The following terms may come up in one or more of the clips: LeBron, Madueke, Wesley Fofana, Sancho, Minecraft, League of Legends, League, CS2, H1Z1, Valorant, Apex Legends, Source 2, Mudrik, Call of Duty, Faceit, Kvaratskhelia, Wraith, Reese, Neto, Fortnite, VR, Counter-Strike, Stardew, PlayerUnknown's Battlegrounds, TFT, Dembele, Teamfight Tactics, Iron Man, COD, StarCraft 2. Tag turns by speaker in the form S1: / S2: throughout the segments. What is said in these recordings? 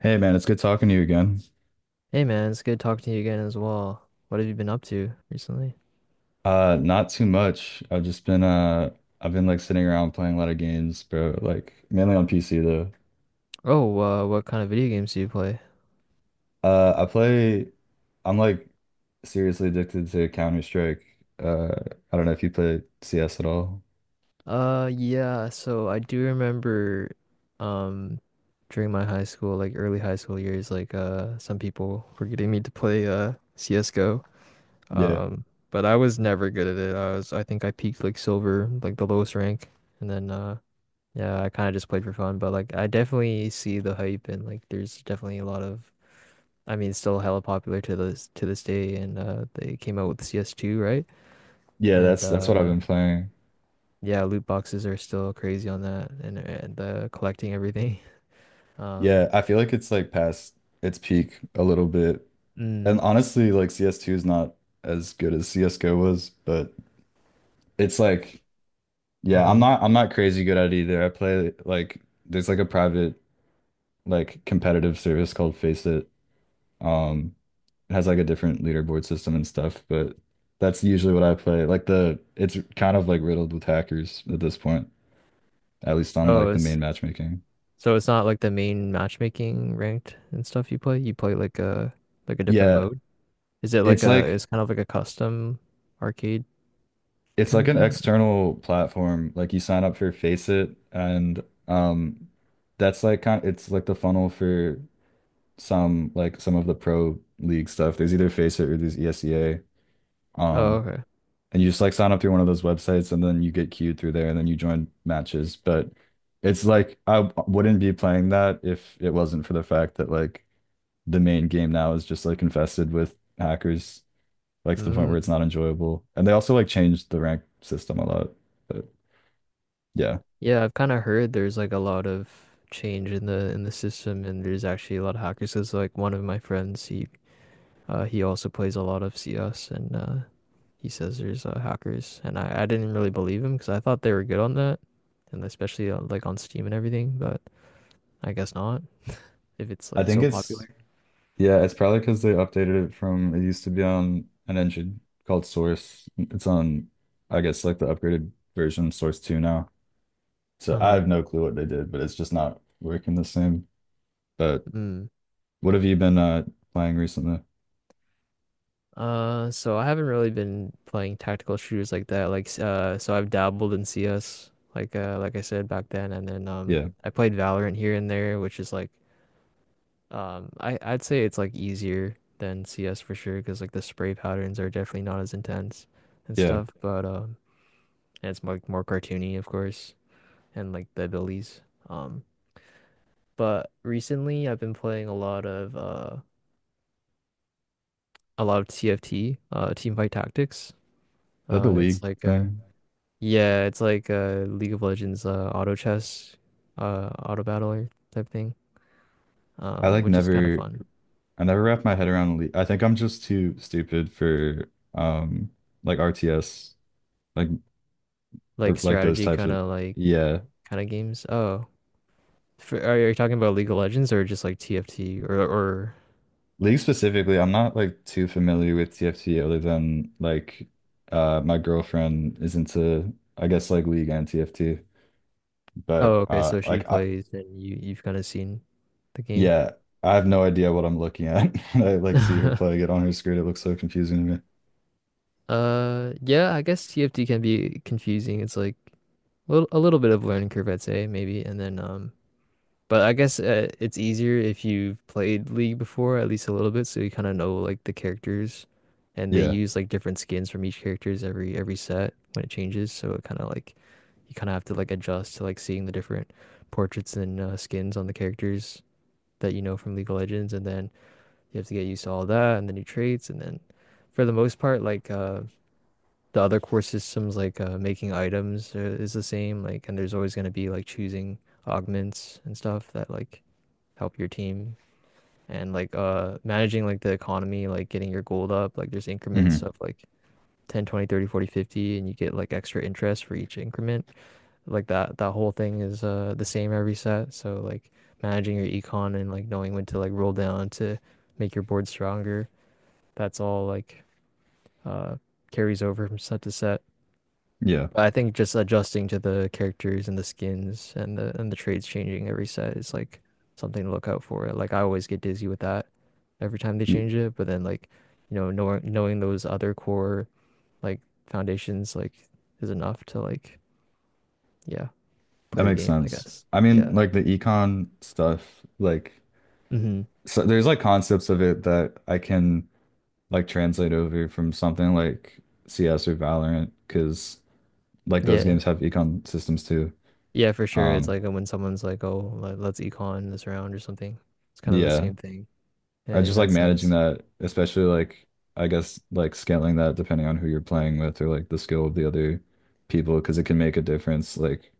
S1: Hey man, it's good talking to you again.
S2: Hey man, it's good talking to you again as well. What have you been up to recently?
S1: Not too much. I've been like sitting around playing a lot of games, bro. Like mainly on PC though.
S2: Oh, what kind of video games do you play?
S1: I play. I'm like seriously addicted to Counter-Strike. Uh, I don't know if you play CS at all.
S2: Yeah, so I do remember, um, during my high school, like early high school years, like, some people were getting me to play, CSGO.
S1: Yeah.
S2: Um, but I was never good at it. I think I peaked like silver, like the lowest rank. And then, yeah, I kind of just played for fun, but like, I definitely see the hype, and like, there's definitely a lot of. I mean, still hella popular to this day, and they came out with CS2, right?
S1: Yeah,
S2: And
S1: that's what I've been playing.
S2: yeah, loot boxes are still crazy on that, and the collecting everything. Um,
S1: Yeah, I feel like it's like past its peak a little bit. And
S2: mm,
S1: honestly, like CS2 is not as good as CS:GO was, but it's like Yeah, I'm
S2: mhm.
S1: not I'm not crazy good at it either. I play like there's like a private like competitive service called Face It. Um it has like a different leaderboard system and stuff, but that's usually what I play. Like the It's kind of like riddled with hackers at this point, at least on
S2: Oh,
S1: like the
S2: it's
S1: main matchmaking.
S2: so it's not like the main matchmaking ranked and stuff you play. You play like a different
S1: Yeah,
S2: mode. Is it like
S1: it's
S2: a?
S1: like
S2: It's kind of like a custom arcade
S1: it's
S2: kind
S1: like
S2: of
S1: an
S2: game.
S1: external platform. Like you sign up for Faceit, and that's like kind it's like the funnel for some of the pro league stuff. There's either Faceit or there's ESEA.
S2: Oh,
S1: Um,
S2: okay.
S1: and you just like sign up through one of those websites and then you get queued through there and then you join matches. But it's like wouldn't be playing that if it wasn't for the fact that like the main game now is just like infested with hackers, like to the point where it's
S2: Hmm.
S1: not enjoyable. And they also like changed the rank system a lot. But yeah,
S2: Yeah, I've kind of heard there's like a lot of change in the system, and there's actually a lot of hackers. 'Cause like one of my friends, he also plays a lot of CS, and he says there's hackers, and I didn't really believe him because I thought they were good on that, and especially like on Steam and everything, but I guess not if it's
S1: I
S2: like
S1: think
S2: so
S1: it's
S2: popular.
S1: Yeah, it's probably because they updated it. From it used to be on an engine called Source. It's on, I guess, like the upgraded version Source 2 now. So I
S2: Uh-huh.
S1: have no clue what they did, but it's just not working the same. But
S2: Mm.
S1: what have you been playing recently?
S2: So I haven't really been playing tactical shooters like that. Like, so I've dabbled in CS, like I said back then, and then
S1: Yeah,
S2: I played Valorant here and there, which is like, I'd say it's like easier than CS for sure, because like the spray patterns are definitely not as intense and
S1: yeah. Is
S2: stuff, but and it's more cartoony, of course, and like the abilities. Um, but recently I've been playing a lot of TFT, Teamfight Tactics.
S1: that the league
S2: It's like
S1: thing?
S2: yeah, it's like League of Legends, auto chess, auto battler type thing.
S1: I like
S2: Which is kind of
S1: never
S2: fun.
S1: I never wrap my head around the league. I think I'm just too stupid for um like RTS, like
S2: Like
S1: or like those
S2: strategy,
S1: types
S2: kind
S1: of,
S2: of, like
S1: yeah.
S2: kind of games. Oh, for, are you talking about League of Legends or just like TFT or.
S1: League specifically, I'm not like too familiar with TFT other than like my girlfriend is into, I guess, like League and TFT. But
S2: Oh, okay, so she
S1: like I
S2: plays and you've kind of seen the game.
S1: Yeah, I have no idea what I'm looking at. I like see her playing it on her screen. It looks so confusing to me.
S2: Yeah, I guess TFT can be confusing. It's like a little bit of learning curve I'd say maybe, and then but I guess it's easier if you've played League before, at least a little bit, so you kind of know like the characters, and they
S1: Yeah.
S2: use like different skins from each characters every set when it changes. So it kind of like you kind of have to like adjust to like seeing the different portraits and skins on the characters that you know from League of Legends, and then you have to get used to all that and the new traits, and then for the most part, like the other core systems, like making items is the same, like, and there's always gonna be like choosing augments and stuff that like help your team, and like managing like the economy, like getting your gold up. Like there's increments
S1: Hmm.
S2: of like 10, 20, 30, 40 50, and you get like extra interest for each increment. Like that whole thing is the same every set, so like managing your econ, and like knowing when to like roll down to make your board stronger, that's all like uh carries over from set to set.
S1: Yeah.
S2: But I think just adjusting to the characters and the skins and the trades changing every set is like something to look out for. Like I always get dizzy with that every time they
S1: Ye-
S2: change it, but then like, knowing those other core like foundations like is enough to like yeah, play
S1: That
S2: the
S1: makes
S2: game, I
S1: sense.
S2: guess.
S1: I mean,
S2: Yeah.
S1: like the econ stuff, like
S2: Hmm.
S1: so there's like concepts of it that I can like translate over from something like CS or Valorant, because like those
S2: Yeah.
S1: games have econ systems too.
S2: Yeah, for sure. It's
S1: Um,
S2: like when someone's like, "Oh, let's econ this round or something." It's kind of the
S1: yeah,
S2: same thing
S1: I
S2: in
S1: just like
S2: that
S1: managing
S2: sense.
S1: that, especially like I guess like scaling that depending on who you're playing with or like the skill of the other people, because it can make a difference. Like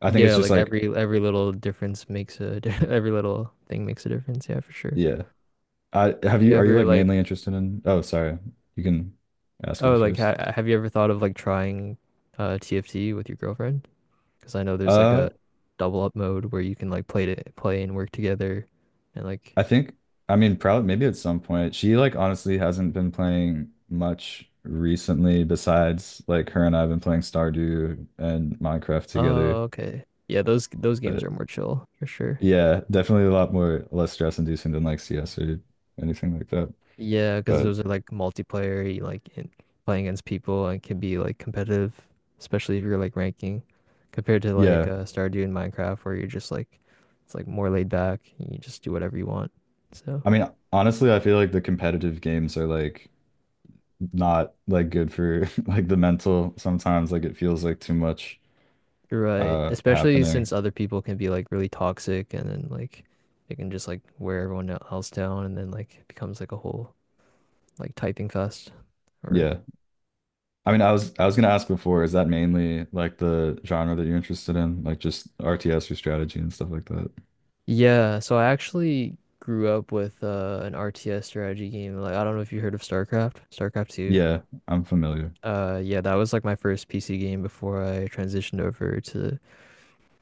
S1: I think it's
S2: Yeah,
S1: just
S2: like
S1: like
S2: every little difference makes every little thing makes a difference. Yeah, for sure.
S1: Yeah. I have
S2: You
S1: you are you
S2: ever
S1: like
S2: like.
S1: mainly interested in? Oh, sorry, you can ask you
S2: Oh, like
S1: first.
S2: ha have you ever thought of like trying TFT with your girlfriend? Because I know there's like
S1: Uh,
S2: a double up mode where you can like play to play and work together, and like.
S1: I think I mean, probably maybe at some point. She like honestly hasn't been playing much recently. Besides, like, her and I've been playing Stardew and Minecraft together.
S2: Oh, okay. Yeah, those games
S1: But
S2: are more chill for sure.
S1: yeah, definitely a lot more less stress inducing than like CS or anything like that.
S2: Yeah, because
S1: But
S2: those are like multiplayer, you like in, playing against people and can be like competitive, especially if you're like ranking, compared to like
S1: yeah,
S2: Stardew and Minecraft, where you're just like it's like more laid back and you just do whatever you want. So
S1: I mean, honestly, I feel like the competitive games are like not like good for like the mental sometimes. Like it feels like too much
S2: you're right, especially
S1: happening.
S2: since other people can be like really toxic and then like they can just like wear everyone else down and then like it becomes like a whole like typing fest or.
S1: Yeah. I mean, I was gonna ask before, is that mainly like the genre that you're interested in? Like just RTS or strategy and stuff like that?
S2: Yeah, so I actually grew up with an RTS strategy game. Like I don't know if you heard of StarCraft, StarCraft 2.
S1: Yeah, I'm familiar.
S2: Yeah, that was like my first PC game before I transitioned over to,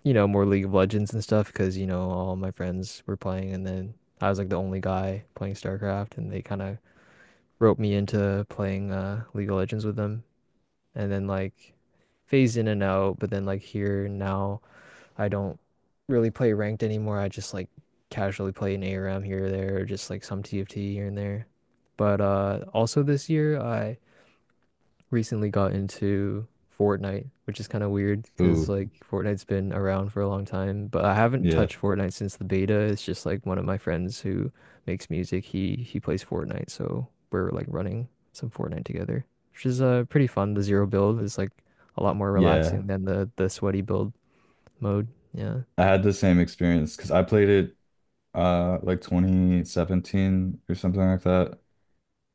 S2: more League of Legends and stuff because, all my friends were playing, and then I was like the only guy playing StarCraft, and they kind of roped me into playing League of Legends with them, and then like phased in and out, but then like here now I don't really play ranked anymore. I just like casually play an ARM here or there, or just like some TFT here and there. But also this year, I recently got into Fortnite, which is kind of weird because
S1: Ooh,
S2: like Fortnite's been around for a long time, but I haven't
S1: yeah.
S2: touched Fortnite since the beta. It's just like one of my friends who makes music. He plays Fortnite, so we're like running some Fortnite together, which is pretty fun. The zero build is like a lot more
S1: Yeah.
S2: relaxing than the sweaty build mode. Yeah.
S1: I had the same experience because I played it like 2017 or something like that,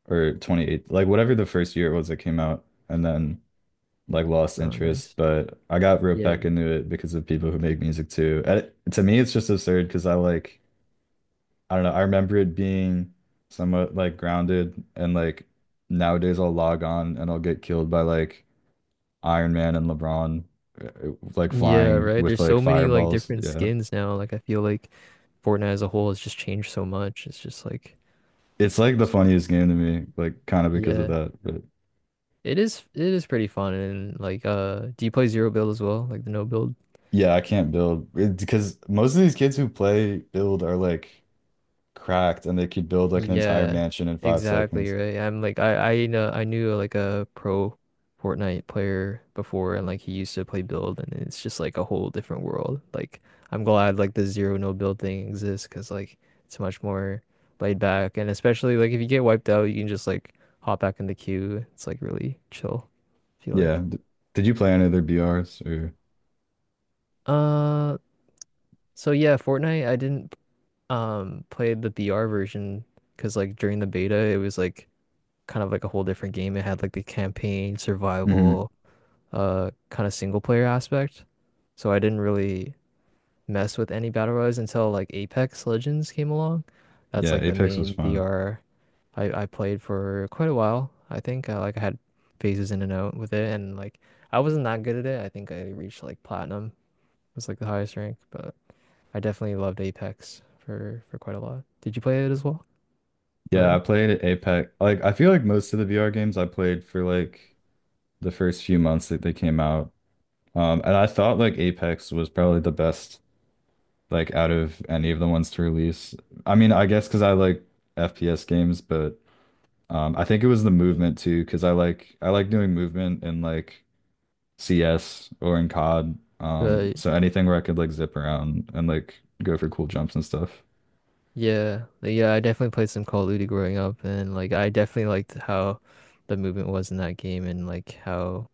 S1: or 28, like whatever the first year it was that came out. And then like lost
S2: Oh,
S1: interest,
S2: nice.
S1: but I got roped
S2: Yeah.
S1: back into it because of people who make music too. And it, to me, it's just absurd because I like, I don't know, I remember it being somewhat like grounded. And like nowadays I'll log on and I'll get killed by like Iron Man and LeBron, like
S2: Yeah,
S1: flying
S2: right.
S1: with
S2: There's
S1: like
S2: so many like
S1: fireballs,
S2: different
S1: yeah.
S2: skins now. Like I feel like Fortnite as a whole has just changed so much. It's just like.
S1: It's like the
S2: It's
S1: funniest game to me, like, kind of because of
S2: Yeah.
S1: that. But
S2: It is pretty fun, and like do you play zero build as well? Like the no build?
S1: yeah, I can't build because most of these kids who play build are like cracked and they could build like an entire
S2: Yeah,
S1: mansion in five
S2: exactly
S1: seconds.
S2: right. I'm like, I know I knew like a pro Fortnite player before, and like he used to play build and it's just like a whole different world. Like I'm glad like the zero no build thing exists because like it's much more laid back, and especially like if you get wiped out you can just like hop back in the queue. It's like really chill, I feel
S1: Yeah.
S2: like.
S1: Did you play any other BRs or?
S2: Uh so yeah, Fortnite I didn't play the VR version because like during the beta it was like kind of like a whole different game. It had like the campaign,
S1: Hmm.
S2: survival, kind of single player aspect. So I didn't really mess with any battle royals until like Apex Legends came along. That's
S1: Yeah,
S2: like the
S1: Apex was
S2: main
S1: fun.
S2: BR. I played for quite a while. I think like I had phases in and out with it, and like I wasn't that good at it. I think I reached like platinum was like the highest rank, but I definitely loved Apex for quite a lot. Did you play it as well,
S1: Yeah, I
S2: or.
S1: played Apex. Like, I feel like most of the VR games I played for like the first few months that they came out. And I thought like Apex was probably the best, like, out of any of the ones to release. I mean, I guess because I like FPS games, but. I think it was the
S2: Mhm.
S1: movement too, because I like doing movement in like CS or in COD.
S2: uh,
S1: So anything where I could like zip around and like go for cool jumps and stuff.
S2: Yeah, like, yeah, I definitely played some Call of Duty growing up, and like I definitely liked how the movement was in that game, and like how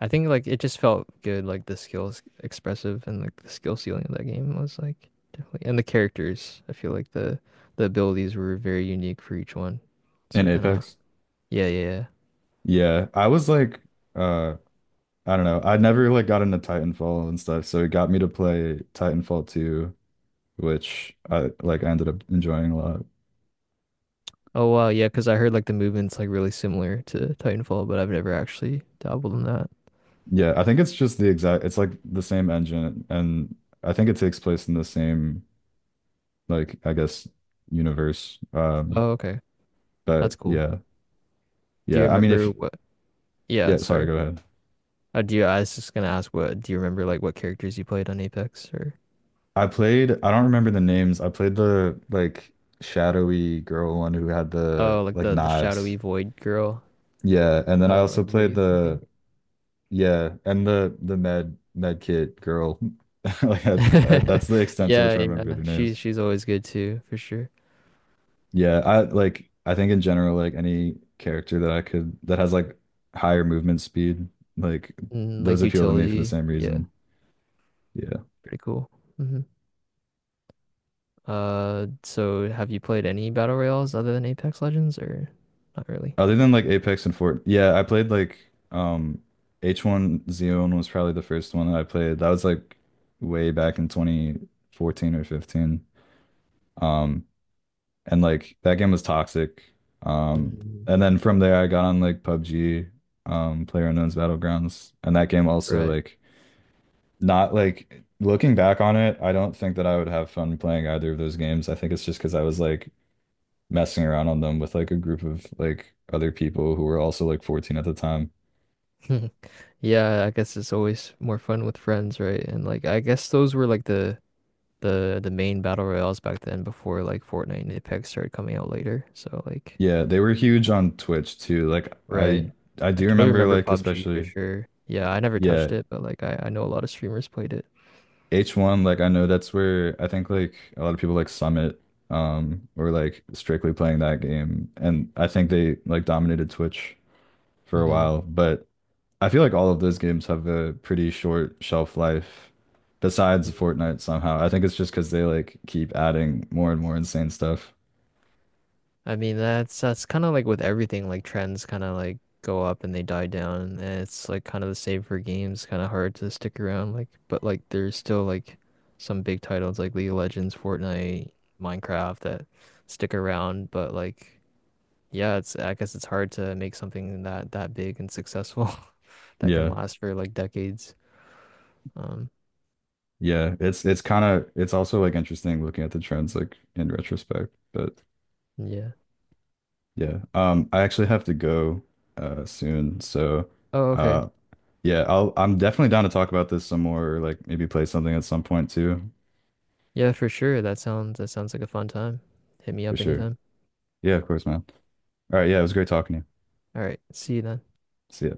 S2: I think like it just felt good, like the skills expressive and like the skill ceiling of that game was like definitely, and the characters. I feel like the abilities were very unique for each one,
S1: In
S2: so kind of.
S1: Apex.
S2: Yeah, yeah. Yeah.
S1: Yeah. I was like uh I don't know. I never like got into Titanfall and stuff, so it got me to play Titanfall 2, which I like I ended up enjoying a lot.
S2: Oh wow, yeah, because I heard like the movement's like really similar to Titanfall, but I've never actually dabbled in that.
S1: Yeah, I think it's just the exact, it's like the same engine. And I think it takes place in the same, like, I guess, universe. Um
S2: Oh okay, that's
S1: But
S2: cool.
S1: yeah,
S2: Do you
S1: yeah. I mean, if
S2: remember what? Yeah,
S1: Yeah, sorry,
S2: sorry.
S1: go ahead.
S2: Oh, do you? I was just gonna ask, what do you remember, like what characters you played on Apex, or.
S1: I played. I don't remember the names. I played the like shadowy girl one who had the
S2: Oh, like
S1: like
S2: the
S1: knives.
S2: shadowy void girl,
S1: Yeah, and then I also
S2: like
S1: played
S2: Wraith, I think.
S1: the, yeah, and the med kit girl. That's the extent to
S2: Yeah,
S1: which I
S2: yeah,
S1: remember the names.
S2: she's always good too, for sure.
S1: Yeah, I like I think in general, like any character that I could, that has like higher movement speed, like those
S2: Like
S1: appeal to me for the
S2: utility,
S1: same
S2: yeah,
S1: reason. Yeah.
S2: pretty cool. Hmm. So have you played any battle royales other than Apex Legends, or not really?
S1: Other than like Apex and Fort, yeah, I played like H1Z1 was probably the first one that I played. That was like way back in 2014 or 15. Um and like that game was toxic. Um
S2: Mm,
S1: and then from there I got on like PUBG, PlayerUnknown's Battlegrounds, and that game also
S2: right.
S1: like, not like, looking back on it, I don't think that I would have fun playing either of those games. I think it's just because I was like messing around on them with like a group of like other people who were also like 14 at the time.
S2: Yeah, I guess it's always more fun with friends, right? And like, I guess those were like the main battle royales back then before like Fortnite and Apex started coming out later. So like.
S1: Yeah, they were huge on Twitch too.
S2: Right.
S1: I
S2: I
S1: do
S2: totally
S1: remember
S2: remember
S1: like
S2: PUBG for
S1: especially,
S2: sure. Yeah, I never
S1: yeah,
S2: touched it, but like I know a lot of streamers played it.
S1: H1, like I know that's where I think like a lot of people like Summit were like strictly playing that game and I think they like dominated Twitch for a
S2: Hmm.
S1: while. But I feel like all of those games have a pretty short shelf life besides Fortnite somehow. I think it's just because they like keep adding more and more insane stuff.
S2: I mean that's kind of like with everything, like trends kind of like go up and they die down, and it's like kind of the same for games, kind of hard to stick around like, but like there's still like some big titles like League of Legends, Fortnite, Minecraft that stick around, but like. Yeah, it's I guess it's hard to make something that big and successful that can
S1: Yeah.
S2: last for like decades. Um,
S1: Yeah, it's kind of, it's also like interesting looking at the trends like in retrospect. But
S2: yeah.
S1: yeah, I actually have to go soon. So
S2: Oh, okay.
S1: uh yeah, I'm definitely down to talk about this some more, or like maybe play something at some point too,
S2: Yeah, for sure. That sounds like a fun time. Hit me
S1: for
S2: up
S1: sure.
S2: anytime.
S1: Yeah, of course, man. All right, yeah, it was great talking to you.
S2: All right. See you then.
S1: See ya.